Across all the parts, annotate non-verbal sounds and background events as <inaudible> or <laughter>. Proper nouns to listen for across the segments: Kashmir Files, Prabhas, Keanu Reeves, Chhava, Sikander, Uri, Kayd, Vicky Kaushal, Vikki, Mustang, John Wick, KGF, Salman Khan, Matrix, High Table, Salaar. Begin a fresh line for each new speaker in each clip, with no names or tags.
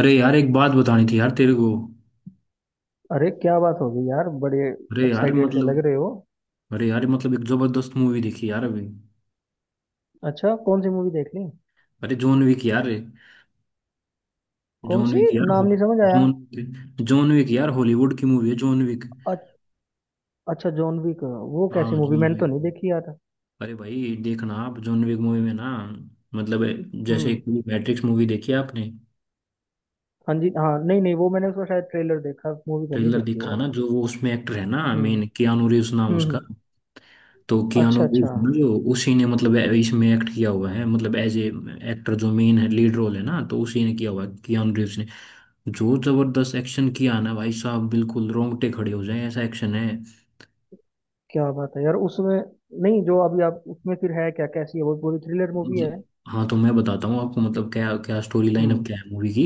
अरे यार, एक बात बतानी थी यार तेरे को।
अरे क्या बात हो गई यार? बड़े
अरे यार
एक्साइटेड से लग
मतलब,
रहे हो।
अरे यार मतलब एक जबरदस्त मूवी देखी यार अभी।
अच्छा कौन सी मूवी देख ली?
अरे जॉन विक यार।
कौन
जॉन
सी?
विक यार।
नाम
हो
नहीं समझ आया।
जॉन, जॉन विक यार, हॉलीवुड की मूवी है जॉन विक।
अ- अच्छा, जॉन विक। वो
हाँ
कैसी मूवी?
जॉन
मैंने तो
विक।
नहीं देखी यार।
अरे भाई देखना, आप जॉन विक मूवी में ना मतलब, जैसे
हम्म।
एक मैट्रिक्स मूवी देखी है आपने।
हाँ जी, हाँ, नहीं नहीं, वो मैंने उसका शायद ट्रेलर देखा, मूवी तो नहीं
ट्रेलर
देखी वो
देखा ना,
वाली।
जो वो उसमें एक्टर है ना
हम्म
मेन, कियानू रीव्स नाम
हम्म
उसका।
हम्म,
तो कियानो
अच्छा
रीव्स
अच्छा।
ना, जो उसी ने मतलब इसमें एक्ट किया हुआ है, मतलब एज ए एक्टर जो मेन है, लीड रोल है ना, तो उसी ने किया हुआ है कियानो रीव्स ने। जो जबरदस्त एक्शन किया है ना भाई साहब, बिल्कुल रोंगटे खड़े हो जाए ऐसा एक्शन है।
क्या बात है यार उसमें। नहीं जो अभी आप उसमें, फिर है क्या, कैसी है वो, पूरी थ्रिलर मूवी है?
मतलब- हाँ तो मैं बताता हूँ आपको, मतलब क्या क्या स्टोरी लाइन
हम्म
अब क्या है मूवी की।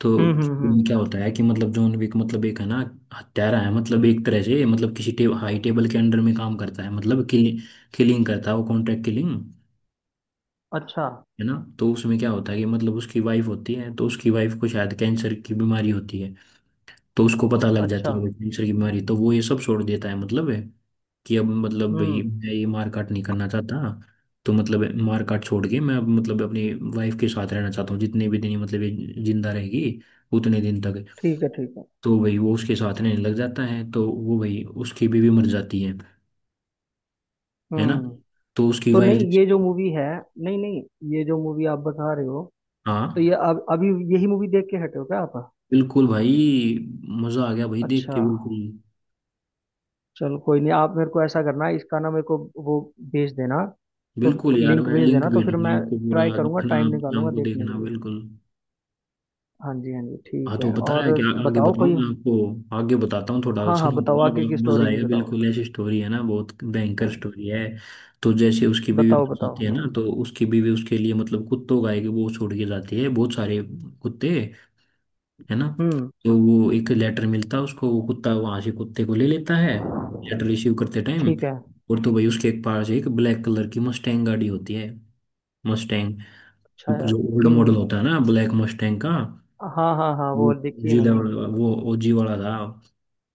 तो
हम्म हम्म हम्म,
उसमें क्या होता है कि मतलब जॉन विक मतलब एक है ना, हत्यारा है, मतलब एक तरह से मतलब किसी हाई टेबल के अंडर में काम करता है, मतलब किलिंग करता है, वो कॉन्ट्रैक्ट किलिंग
अच्छा
है ना। तो उसमें क्या होता है कि मतलब उसकी वाइफ होती है, तो उसकी वाइफ को शायद कैंसर की बीमारी होती है। तो उसको पता लग
अच्छा।
जाती है भाई कैंसर की बीमारी, तो वो ये सब छोड़ देता है, मतलब है कि अब मतलब भाई
हम्म।
मैं ये मार काट नहीं करना चाहता। तो मतलब मार काट छोड़ के मैं अब मतलब अपनी वाइफ के साथ रहना चाहता हूँ जितने भी दिन ये मतलब ये जिंदा रहेगी उतने दिन तक।
ठीक है ठीक है।
तो भाई वो उसके साथ रहने लग जाता है, तो वो भाई उसकी बीवी मर जाती है ना।
हम्म।
तो उसकी
तो
वाइफ,
नहीं ये जो मूवी है, नहीं नहीं, ये जो मूवी आप बता रहे हो, तो
हाँ।
ये अब अभी यही मूवी देख के हटे हो क्या आप?
बिल्कुल भाई, मजा आ गया भाई देख
अच्छा
के बिल्कुल।
चलो कोई नहीं, आप मेरे को ऐसा करना, इसका ना मेरे को वो भेज देना। तो
बिल्कुल यार,
लिंक
मैं
भेज
लिंक
देना, तो फिर
भेजूंगा
मैं
आपको,
ट्राई
पूरा
करूंगा,
दिखना,
टाइम
आप
निकालूंगा
शाम को
देखने के
देखना
लिए।
बिल्कुल।
हाँ जी हाँ जी ठीक
हाँ तो
है। और
बताया, क्या आगे
बताओ
बताऊँ?
कोई।
मैं आपको आगे बताता हूँ थोड़ा,
हाँ हाँ
सुनो तो,
बताओ,
आप
आगे
आपको
की
मजा
स्टोरी भी
आएगा
बताओ।
बिल्कुल। ऐसी स्टोरी है ना, बहुत भयंकर स्टोरी है। तो जैसे उसकी बीवी
बताओ
मर
बताओ।
जाती है ना, तो उसकी बीवी उसके लिए मतलब कुत्तों का एक वो छोड़ के जाती है, बहुत सारे कुत्ते, है ना।
हम्म।
तो वो एक लेटर मिलता है उसको, वो कुत्ता वहां से, कुत्ते को ले लेता है लेटर रिसीव करते टाइम।
ठीक है।
और तो भाई उसके एक पास एक ब्लैक कलर की मस्टैंग गाड़ी होती है, मस्टैंग,
अच्छा यार।
जो ओल्ड मॉडल होता है ना ब्लैक मस्टैंग का।
हाँ हाँ हाँ,
वो
वो देखी है
जी
मैंने।
लेवल, वो ओजी वाला था,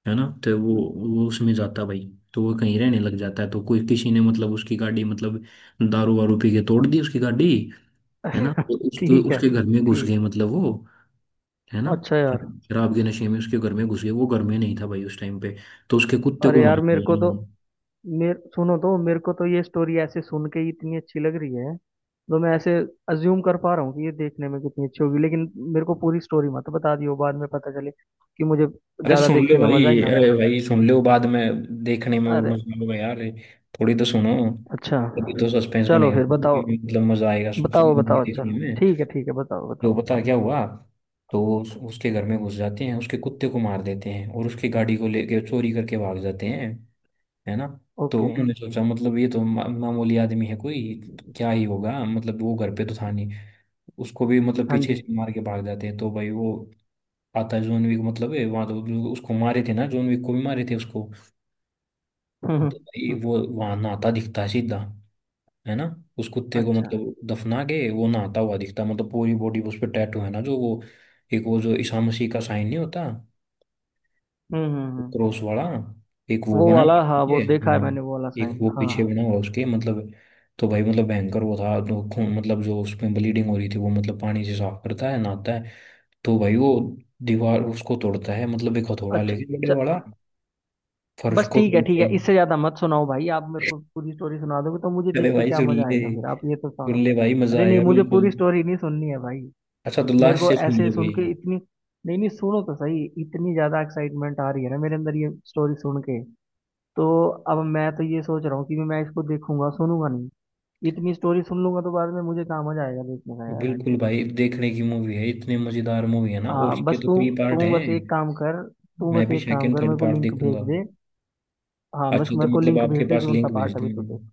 है ना।
हम्म।
वो उसमें जाता भाई। तो वो कहीं रहने लग जाता है, तो कोई किसी ने मतलब उसकी गाड़ी मतलब दारू वारू पी के तोड़ दी उसकी गाड़ी, है ना। तो
<laughs>
उसके
ठीक है।
उसके घर में घुस गए
ठीक।
मतलब वो, है ना,
अच्छा यार।
शराब के नशे में उसके घर में घुस गए। वो घर में नहीं था भाई उस टाइम पे। तो उसके कुत्ते को
अरे
मार
यार मेरे को
दिया।
तो, मेरे सुनो तो मेरे को तो ये स्टोरी ऐसे सुन के ही इतनी अच्छी लग रही है। तो मैं ऐसे अज्यूम कर पा रहा हूँ कि ये देखने में कितनी अच्छी होगी, लेकिन मेरे को पूरी स्टोरी मत बता दियो, बाद में पता चले कि मुझे
अरे
ज्यादा
सुन लो
देखने में
भाई।
मजा ही ना आया।
अरे भाई सुन लो, बाद में देखने में और
अरे,
मजा आएगा यार। थोड़ी तो सुनो,
अच्छा
तभी तो सस्पेंस
चलो
बनेगा ना,
फिर बताओ।
मतलब मजा आएगा
बताओ
मूवी
बताओ
देखने
चलो,
में।
ठीक है ठीक है, बताओ
जो
बताओ।
पता क्या हुआ। तो उसके घर में घुस जाते हैं, उसके कुत्ते को मार देते हैं, और उसकी गाड़ी को लेके चोरी करके भाग जाते हैं, है ना। तो
ओके।
उन्होंने सोचा मतलब ये तो मामूली आदमी है कोई, तो क्या ही होगा, मतलब वो घर पे तो था नहीं। उसको भी मतलब
हाँ
पीछे
जी।
से मार के भाग जाते हैं। तो भाई वो आता है जॉन विक, मतलब है वहां, तो जो उसको मारे थे ना जॉन विक को, भी मारे थे उसको।
<laughs> हम्म हम्म,
तो भाई
हम्म,
वो वहां नहाता दिखता है सीधा, है ना। उस कुत्ते को
अच्छा।
मतलब दफना के वो नहाता हुआ दिखता है, मतलब पूरी बॉडी उस पर टैटू है ना जो वो, एक वो जो ईसा मसीह का साइन नहीं होता,
हम्म।
क्रॉस वाला, एक वो
वो
बना है
वाला, हाँ वो
पीछे,
देखा है
हाँ।
मैंने वो वाला
एक
साइन,
वो पीछे
हाँ।
बना हुआ उसके, मतलब। तो भाई मतलब भयंकर वो था, तो खून मतलब जो उसमें ब्लीडिंग हो रही थी वो मतलब पानी से साफ करता है, नहाता है। तो भाई वो दीवार उसको तोड़ता है, मतलब एक हथौड़ा
अच्छा।
लेके बड़े वाला,
च-
फर्श
बस
को
ठीक है ठीक है,
तोड़ते।
इससे ज्यादा मत सुनाओ भाई, आप मेरे को पूरी स्टोरी सुना दोगे तो मुझे
अरे
देख के
भाई
क्या
सुन
मजा
ले,
आएगा फिर? आप ये तो सुन।
सुन ले भाई मजा
अरे नहीं,
आएगा
मुझे
बिल्कुल।
पूरी स्टोरी नहीं सुननी है भाई।
अच्छा तो
मेरे
लास्ट
को
से सुन
ऐसे
ले
सुन
भाई।
के इतनी, नहीं नहीं, सुनो तो सही, इतनी ज्यादा एक्साइटमेंट आ रही है ना मेरे अंदर ये स्टोरी सुन के। तो अब मैं तो ये सोच रहा हूँ कि मैं इसको देखूंगा, सुनूंगा नहीं। इतनी स्टोरी सुन लूंगा तो बाद में मुझे कहाँ मजा आएगा देखने का यार।
बिल्कुल भाई, देखने की मूवी है, इतने मजेदार मूवी है ना, और इसके
बस
तो
तू
कई पार्ट
तू
हैं।
बस एक काम कर तू
मैं
बस
भी
एक काम
सेकंड
कर मेरे
थर्ड
को
पार्ट
लिंक
देखूंगा।
भेज दे। हाँ, बस
अच्छा तो
मेरे को
मतलब
लिंक
आपके
भेज दे
पास
जो सा
लिंक भेज
पार्ट अभी तू।
दूंगा।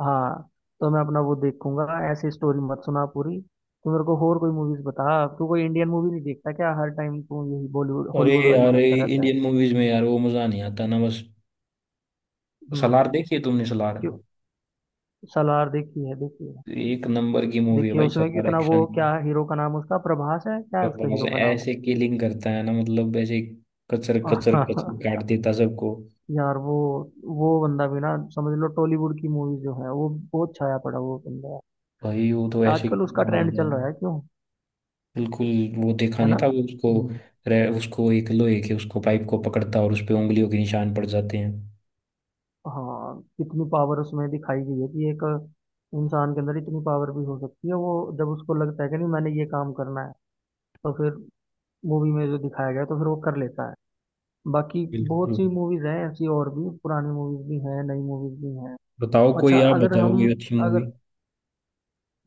हाँ, तो मैं अपना वो देखूंगा। ऐसे स्टोरी मत सुना पूरी। तू मेरे को और कोई मूवीज बता, तू कोई इंडियन मूवी नहीं देखता क्या? हर टाइम तू यही बॉलीवुड
अरे
हॉलीवुड वाली
यार
देखता रहता है।
इंडियन मूवीज में यार वो मजा नहीं आता ना बस। सलार
हम्म।
देखी है तुमने? सलार
क्यों? सलार देखी है, देखी है।
एक नंबर की मूवी है
देखिए
भाई,
उसमें
सलार,
कितना वो,
एक्शन
क्या हीरो का नाम उसका? प्रभास है क्या है उसका
बस
हीरो का नाम?
ऐसे किलिंग करता है ना मतलब, ऐसे कचर कचर कचर
<laughs>
काट देता सबको।
यार वो बंदा भी ना, समझ लो टॉलीवुड की मूवी जो है वो बहुत छाया पड़ा वो बंदा।
भाई वो तो ऐसे
आजकल उसका
ही मार
ट्रेंड
दिया
चल
था।
रहा है। क्यों?
बिल्कुल। वो देखा
है
नहीं
ना।
था वो उसको,
हम्म।
उसको एक लोहे के उसको पाइप को पकड़ता और उस पे उंगलियों के निशान पड़ जाते हैं।
हाँ कितनी पावर उसमें दिखाई गई है कि एक इंसान के अंदर इतनी पावर भी हो सकती है वो, जब उसको लगता है कि नहीं मैंने ये काम करना है, तो फिर मूवी में जो दिखाया गया है, तो फिर वो कर लेता है। बाकी बहुत
बिल्कुल।
सी मूवीज हैं ऐसी, और भी पुरानी मूवीज भी हैं, नई मूवीज भी हैं।
बताओ कोई,
अच्छा
आप
अगर
बताओ
हम,
कोई अच्छी मूवी।
अगर,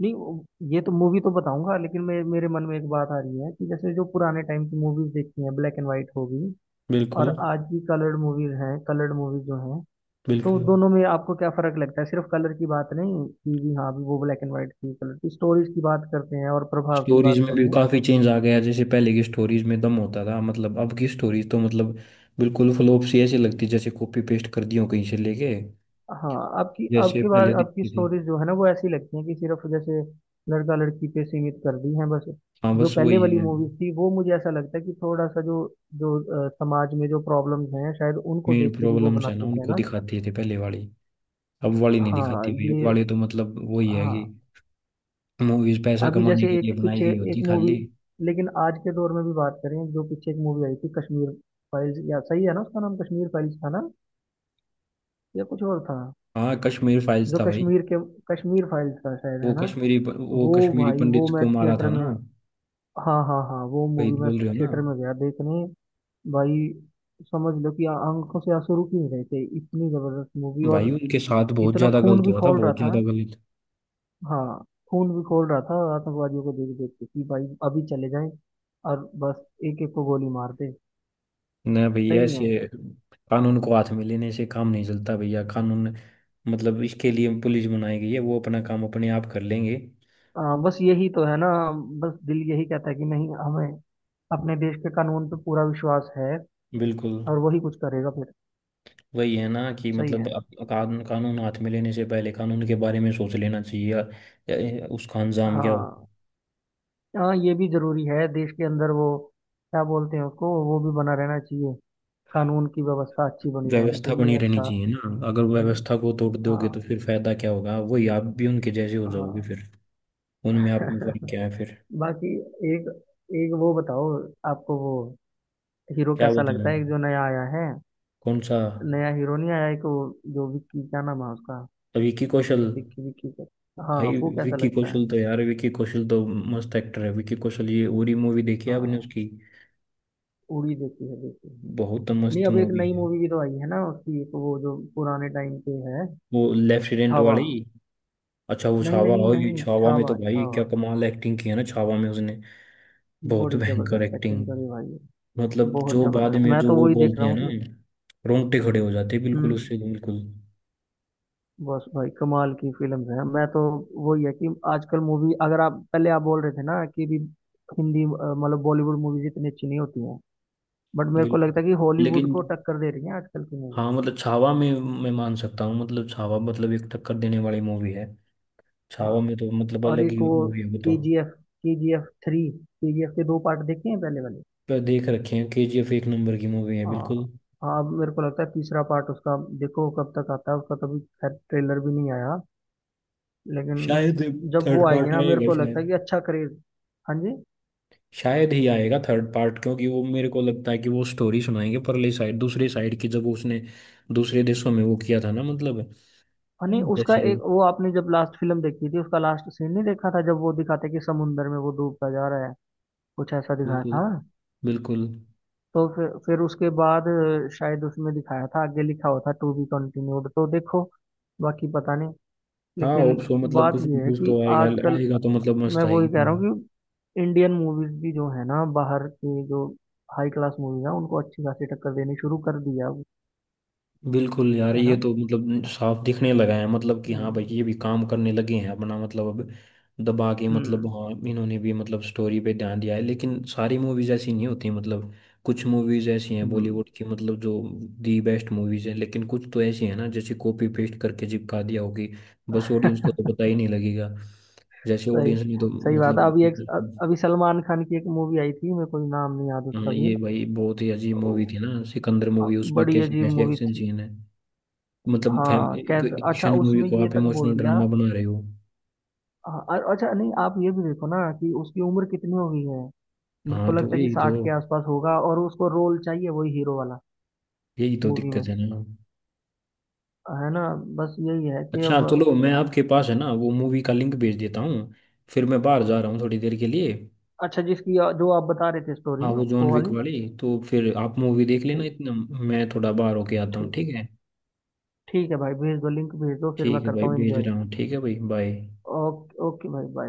नहीं ये तो मूवी तो बताऊंगा, लेकिन मेरे मन में एक बात आ रही है कि जैसे जो पुराने टाइम की मूवीज देखी हैं ब्लैक एंड व्हाइट होगी, और
बिल्कुल।
आज की कलर्ड मूवीज हैं, कलर्ड मूवीज जो हैं, तो
बिल्कुल।
दोनों में आपको क्या फर्क लगता है? सिर्फ कलर की बात नहीं कि भी हाँ भी वो ब्लैक एंड व्हाइट की कलर की स्टोरीज की बात करते हैं और प्रभाव की
स्टोरीज
बात
में
करें।
भी काफी चेंज आ गया, जैसे पहले की स्टोरीज में दम होता था, मतलब अब की स्टोरीज तो मतलब बिल्कुल फ्लॉप सी ऐसी लगती है, जैसे कॉपी पेस्ट कर दी हो कहीं से लेके,
हाँ। आपकी
जैसे
आपकी बार
पहले
आपकी
दिखती थी।
स्टोरीज जो है ना वो ऐसी लगती हैं कि सिर्फ जैसे लड़का लड़की पे सीमित कर दी हैं बस।
हाँ
जो
बस
पहले
वही
वाली
है।
मूवीज थी वो मुझे ऐसा लगता है कि थोड़ा सा जो, जो समाज में जो प्रॉब्लम्स हैं शायद उनको
मेन
देख कर ही वो
प्रॉब्लम्स है ना
बनाते थे, है
उनको
ना?
दिखाती थी पहले वाली, अब वाली नहीं
हाँ
दिखाती भाई, अब
ये,
वाली तो मतलब वही है कि
हाँ।
मूवीज पैसा
अभी
कमाने
जैसे
के
एक
लिए बनाई
पीछे,
गई
एक
होती
मूवी,
खाली।
लेकिन आज के दौर में भी बात करें, जो पीछे एक मूवी आई थी कश्मीर फाइल्स, या सही है ना उसका नाम? कश्मीर फाइल्स था ना या कुछ और था?
हाँ कश्मीर फाइल्स
जो
था भाई।
कश्मीर के, कश्मीर फाइल्स था शायद,
वो
है ना?
कश्मीरी, वो
वो
कश्मीरी
भाई वो
पंडित को
मैं
मारा
थिएटर
था
में,
ना।
हाँ हाँ हाँ, वो
वही
मूवी
तो
मैं
बोल रहे हो ना।
थिएटर में गया देखने भाई। समझ लो कि आंखों से आंसू रुक ही नहीं रहे थे, इतनी जबरदस्त मूवी,
भाई
और
उनके साथ बहुत
इतना
ज्यादा
खून
गलत
भी
हुआ था,
खौल रहा
बहुत
था।
ज्यादा गलत।
हाँ, खून भी खोल रहा था, आतंकवादियों को देख देख के कि भाई अभी चले जाएं और बस एक एक को गोली मार दे।
ना भाई
सही नहीं
ऐसे,
है।
कानून को हाथ में लेने से काम नहीं चलता भैया, कानून मतलब इसके लिए पुलिस बनाई गई है, वो अपना काम अपने आप कर लेंगे।
बस यही तो है ना। बस दिल यही कहता है कि नहीं, हमें अपने देश के कानून पे पूरा विश्वास है,
बिल्कुल।
और वही कुछ करेगा फिर।
वही है ना कि
सही
मतलब
है।
कानून, कानून हाथ में लेने से पहले कानून के बारे में सोच लेना चाहिए, या उसका अंजाम क्या होगा।
हाँ। हाँ ये भी जरूरी है देश के अंदर वो क्या बोलते हैं उसको, वो भी बना रहना चाहिए, कानून की व्यवस्था अच्छी बनी रहनी
व्यवस्था बनी
चाहिए।
रहनी
अच्छा।
चाहिए ना, अगर
हम्म,
व्यवस्था को तोड़ दोगे तो
हाँ।
फिर फायदा क्या होगा, वही आप भी उनके जैसे हो जाओगे
हाँ।
फिर। उनमें आप में फर्क
<laughs>
क्या है फिर?
बाकी एक, एक वो बताओ, आपको वो हीरो
क्या
कैसा
बताएं,
लगता है एक जो नया आया है?
कौन सा?
नया हीरो नहीं आया, एक वो जो विक्की, क्या नाम है उसका?
विकी कौशल?
विक्की, विक्की का, हाँ,
भाई
वो कैसा
विकी
लगता है?
कौशल तो, यार विकी कौशल तो मस्त एक्टर है। विकी कौशल ये, उरी मूवी देखी है आपने
हाँ,
उसकी?
उड़ी देखी है, देखी है।
बहुत
नहीं
मस्त
अब एक
मूवी
नई
है।
मूवी भी तो आई है ना उसकी, एक वो जो पुराने टाइम पे है,
वो लेफ्टिनेंट
छावा।
वाली। अच्छा वो
नहीं
छावा,
नहीं
ओए
नहीं,
छावा में तो
छावा
भाई क्या
छावा,
कमाल एक्टिंग की है ना, छावा में उसने बहुत
बड़ी
भयंकर
जबरदस्त एक्टिंग
एक्टिंग।
करी भाई।
मतलब
बहुत
जो बाद
जबरदस्त,
में
मैं
जो
तो
वो
वही देख
बोलते
रहा
हैं
हूँ
ना,
कि।
रोंगटे खड़े हो जाते हैं बिल्कुल
हम्म।
उससे, बिल्कुल।
बस भाई कमाल की फिल्म्स हैं। मैं तो वही है कि आजकल मूवी, अगर आप पहले आप बोल रहे थे ना कि भी हिंदी, मतलब बॉलीवुड मूवीज इतनी अच्छी नहीं होती हैं, बट मेरे को
बिल्कुल।
लगता है कि हॉलीवुड
लेकिन,
को टक्कर दे रही हैं आजकल की मूवी।
हाँ मतलब छावा में मैं मान सकता हूँ, मतलब छावा मतलब एक टक्कर देने वाली मूवी है। छावा
हाँ।
में तो मतलब
और
अलग
एक
ही
वो
मूवी है वो तो।
KGF, KGF 3, KGF के दो पार्ट देखे हैं पहले वाले।
पर देख रखे हैं, केजीएफ एक नंबर की मूवी है
हाँ।
बिल्कुल।
हाँ अब मेरे को लगता है तीसरा पार्ट उसका देखो कब तक आता है, उसका तो अभी खैर ट्रेलर भी नहीं आया, लेकिन
शायद
जब वो
थर्ड
आएगी
पार्ट
ना मेरे
आएगा
को लगता है
शायद,
कि अच्छा करेगा। हाँ जी।
शायद ही आएगा थर्ड पार्ट, क्योंकि वो मेरे को लगता है कि वो स्टोरी सुनाएंगे परली साइड, दूसरी साइड की, जब उसने दूसरे देशों में वो किया था ना, मतलब
फनी उसका
जैसे।
एक वो, आपने जब लास्ट फिल्म देखी थी उसका लास्ट सीन नहीं देखा था जब वो दिखाते कि समुंदर में वो डूबता जा रहा है, कुछ ऐसा दिखाया
बिल्कुल।
था।
बिल्कुल।
तो फिर, उसके बाद शायद उसमें दिखाया था आगे लिखा हुआ था टू बी कंटिन्यूड, तो देखो बाकी पता नहीं।
हाँ
लेकिन
होप सो, मतलब
बात
कुछ
ये है
कुछ
कि
तो आएगा।
आजकल,
आएगा तो मतलब मस्त
मैं वही कह
आएगी।
रहा हूँ कि इंडियन मूवीज भी जो है ना, बाहर के जो हाई क्लास मूवीज है उनको अच्छी खासी टक्कर देनी शुरू कर दिया।
बिल्कुल यार,
है ना।
ये तो मतलब साफ दिखने लगा है, मतलब कि हाँ भाई,
हम्म
ये भी काम करने लगे हैं अपना, मतलब अब दबा के, मतलब
हम्म
हाँ, इन्होंने भी मतलब स्टोरी पे ध्यान दिया है, लेकिन सारी मूवीज ऐसी नहीं होती मतलब। कुछ मूवीज ऐसी हैं
हम्म।
बॉलीवुड की मतलब जो दी बेस्ट मूवीज हैं, लेकिन कुछ तो ऐसी हैं ना जैसे कॉपी पेस्ट करके चिपका दिया होगी, बस ऑडियंस को
<laughs>
तो पता ही नहीं लगेगा जैसे,
सही,
ऑडियंस ने तो
सही बात है। अभी एक,
मतलब।
अभी सलमान खान की एक मूवी आई थी, मेरे को नाम नहीं याद
हाँ,
उसका भी।
ये भाई बहुत ही अजीब
वो,
मूवी थी ना सिकंदर
अ,
मूवी, उसमें
बड़ी
कैसे
अजीब
कैसे
मूवी
एक्शन
थी।
सीन है, मतलब
हाँ
फैमिली एक
कैद, अच्छा
एक्शन मूवी
उसमें
को
ये
आप
तक बोल
इमोशनल
दिया।
ड्रामा बना रहे हो।
हाँ, अच्छा नहीं आप ये भी देखो ना कि उसकी उम्र कितनी हो गई है, मेरे को
हाँ तो
लगता है कि
यही तो,
60 के आसपास होगा और उसको रोल चाहिए वही हीरो वाला
यही तो
मूवी में।
दिक्कत है ना।
है ना। बस यही है कि
अच्छा
अब,
चलो, मैं आपके पास है ना वो मूवी का लिंक भेज देता हूँ, फिर मैं बाहर जा रहा हूँ थोड़ी देर के लिए।
अच्छा जिसकी जो आप बता रहे थे स्टोरी,
हाँ वो जॉन
वो
विक
वाली।
वाली। तो फिर आप मूवी देख लेना
ठीक,
इतना, मैं थोड़ा बाहर होके आता हूँ
ठीक,
ठीक है।
ठीक है भाई भेज दो लिंक, भेज दो फिर मैं
ठीक है
करता
भाई
हूँ
भेज
एंजॉय।
रहा हूँ, ठीक है भाई, बाय।
ओके ओके भाई bye।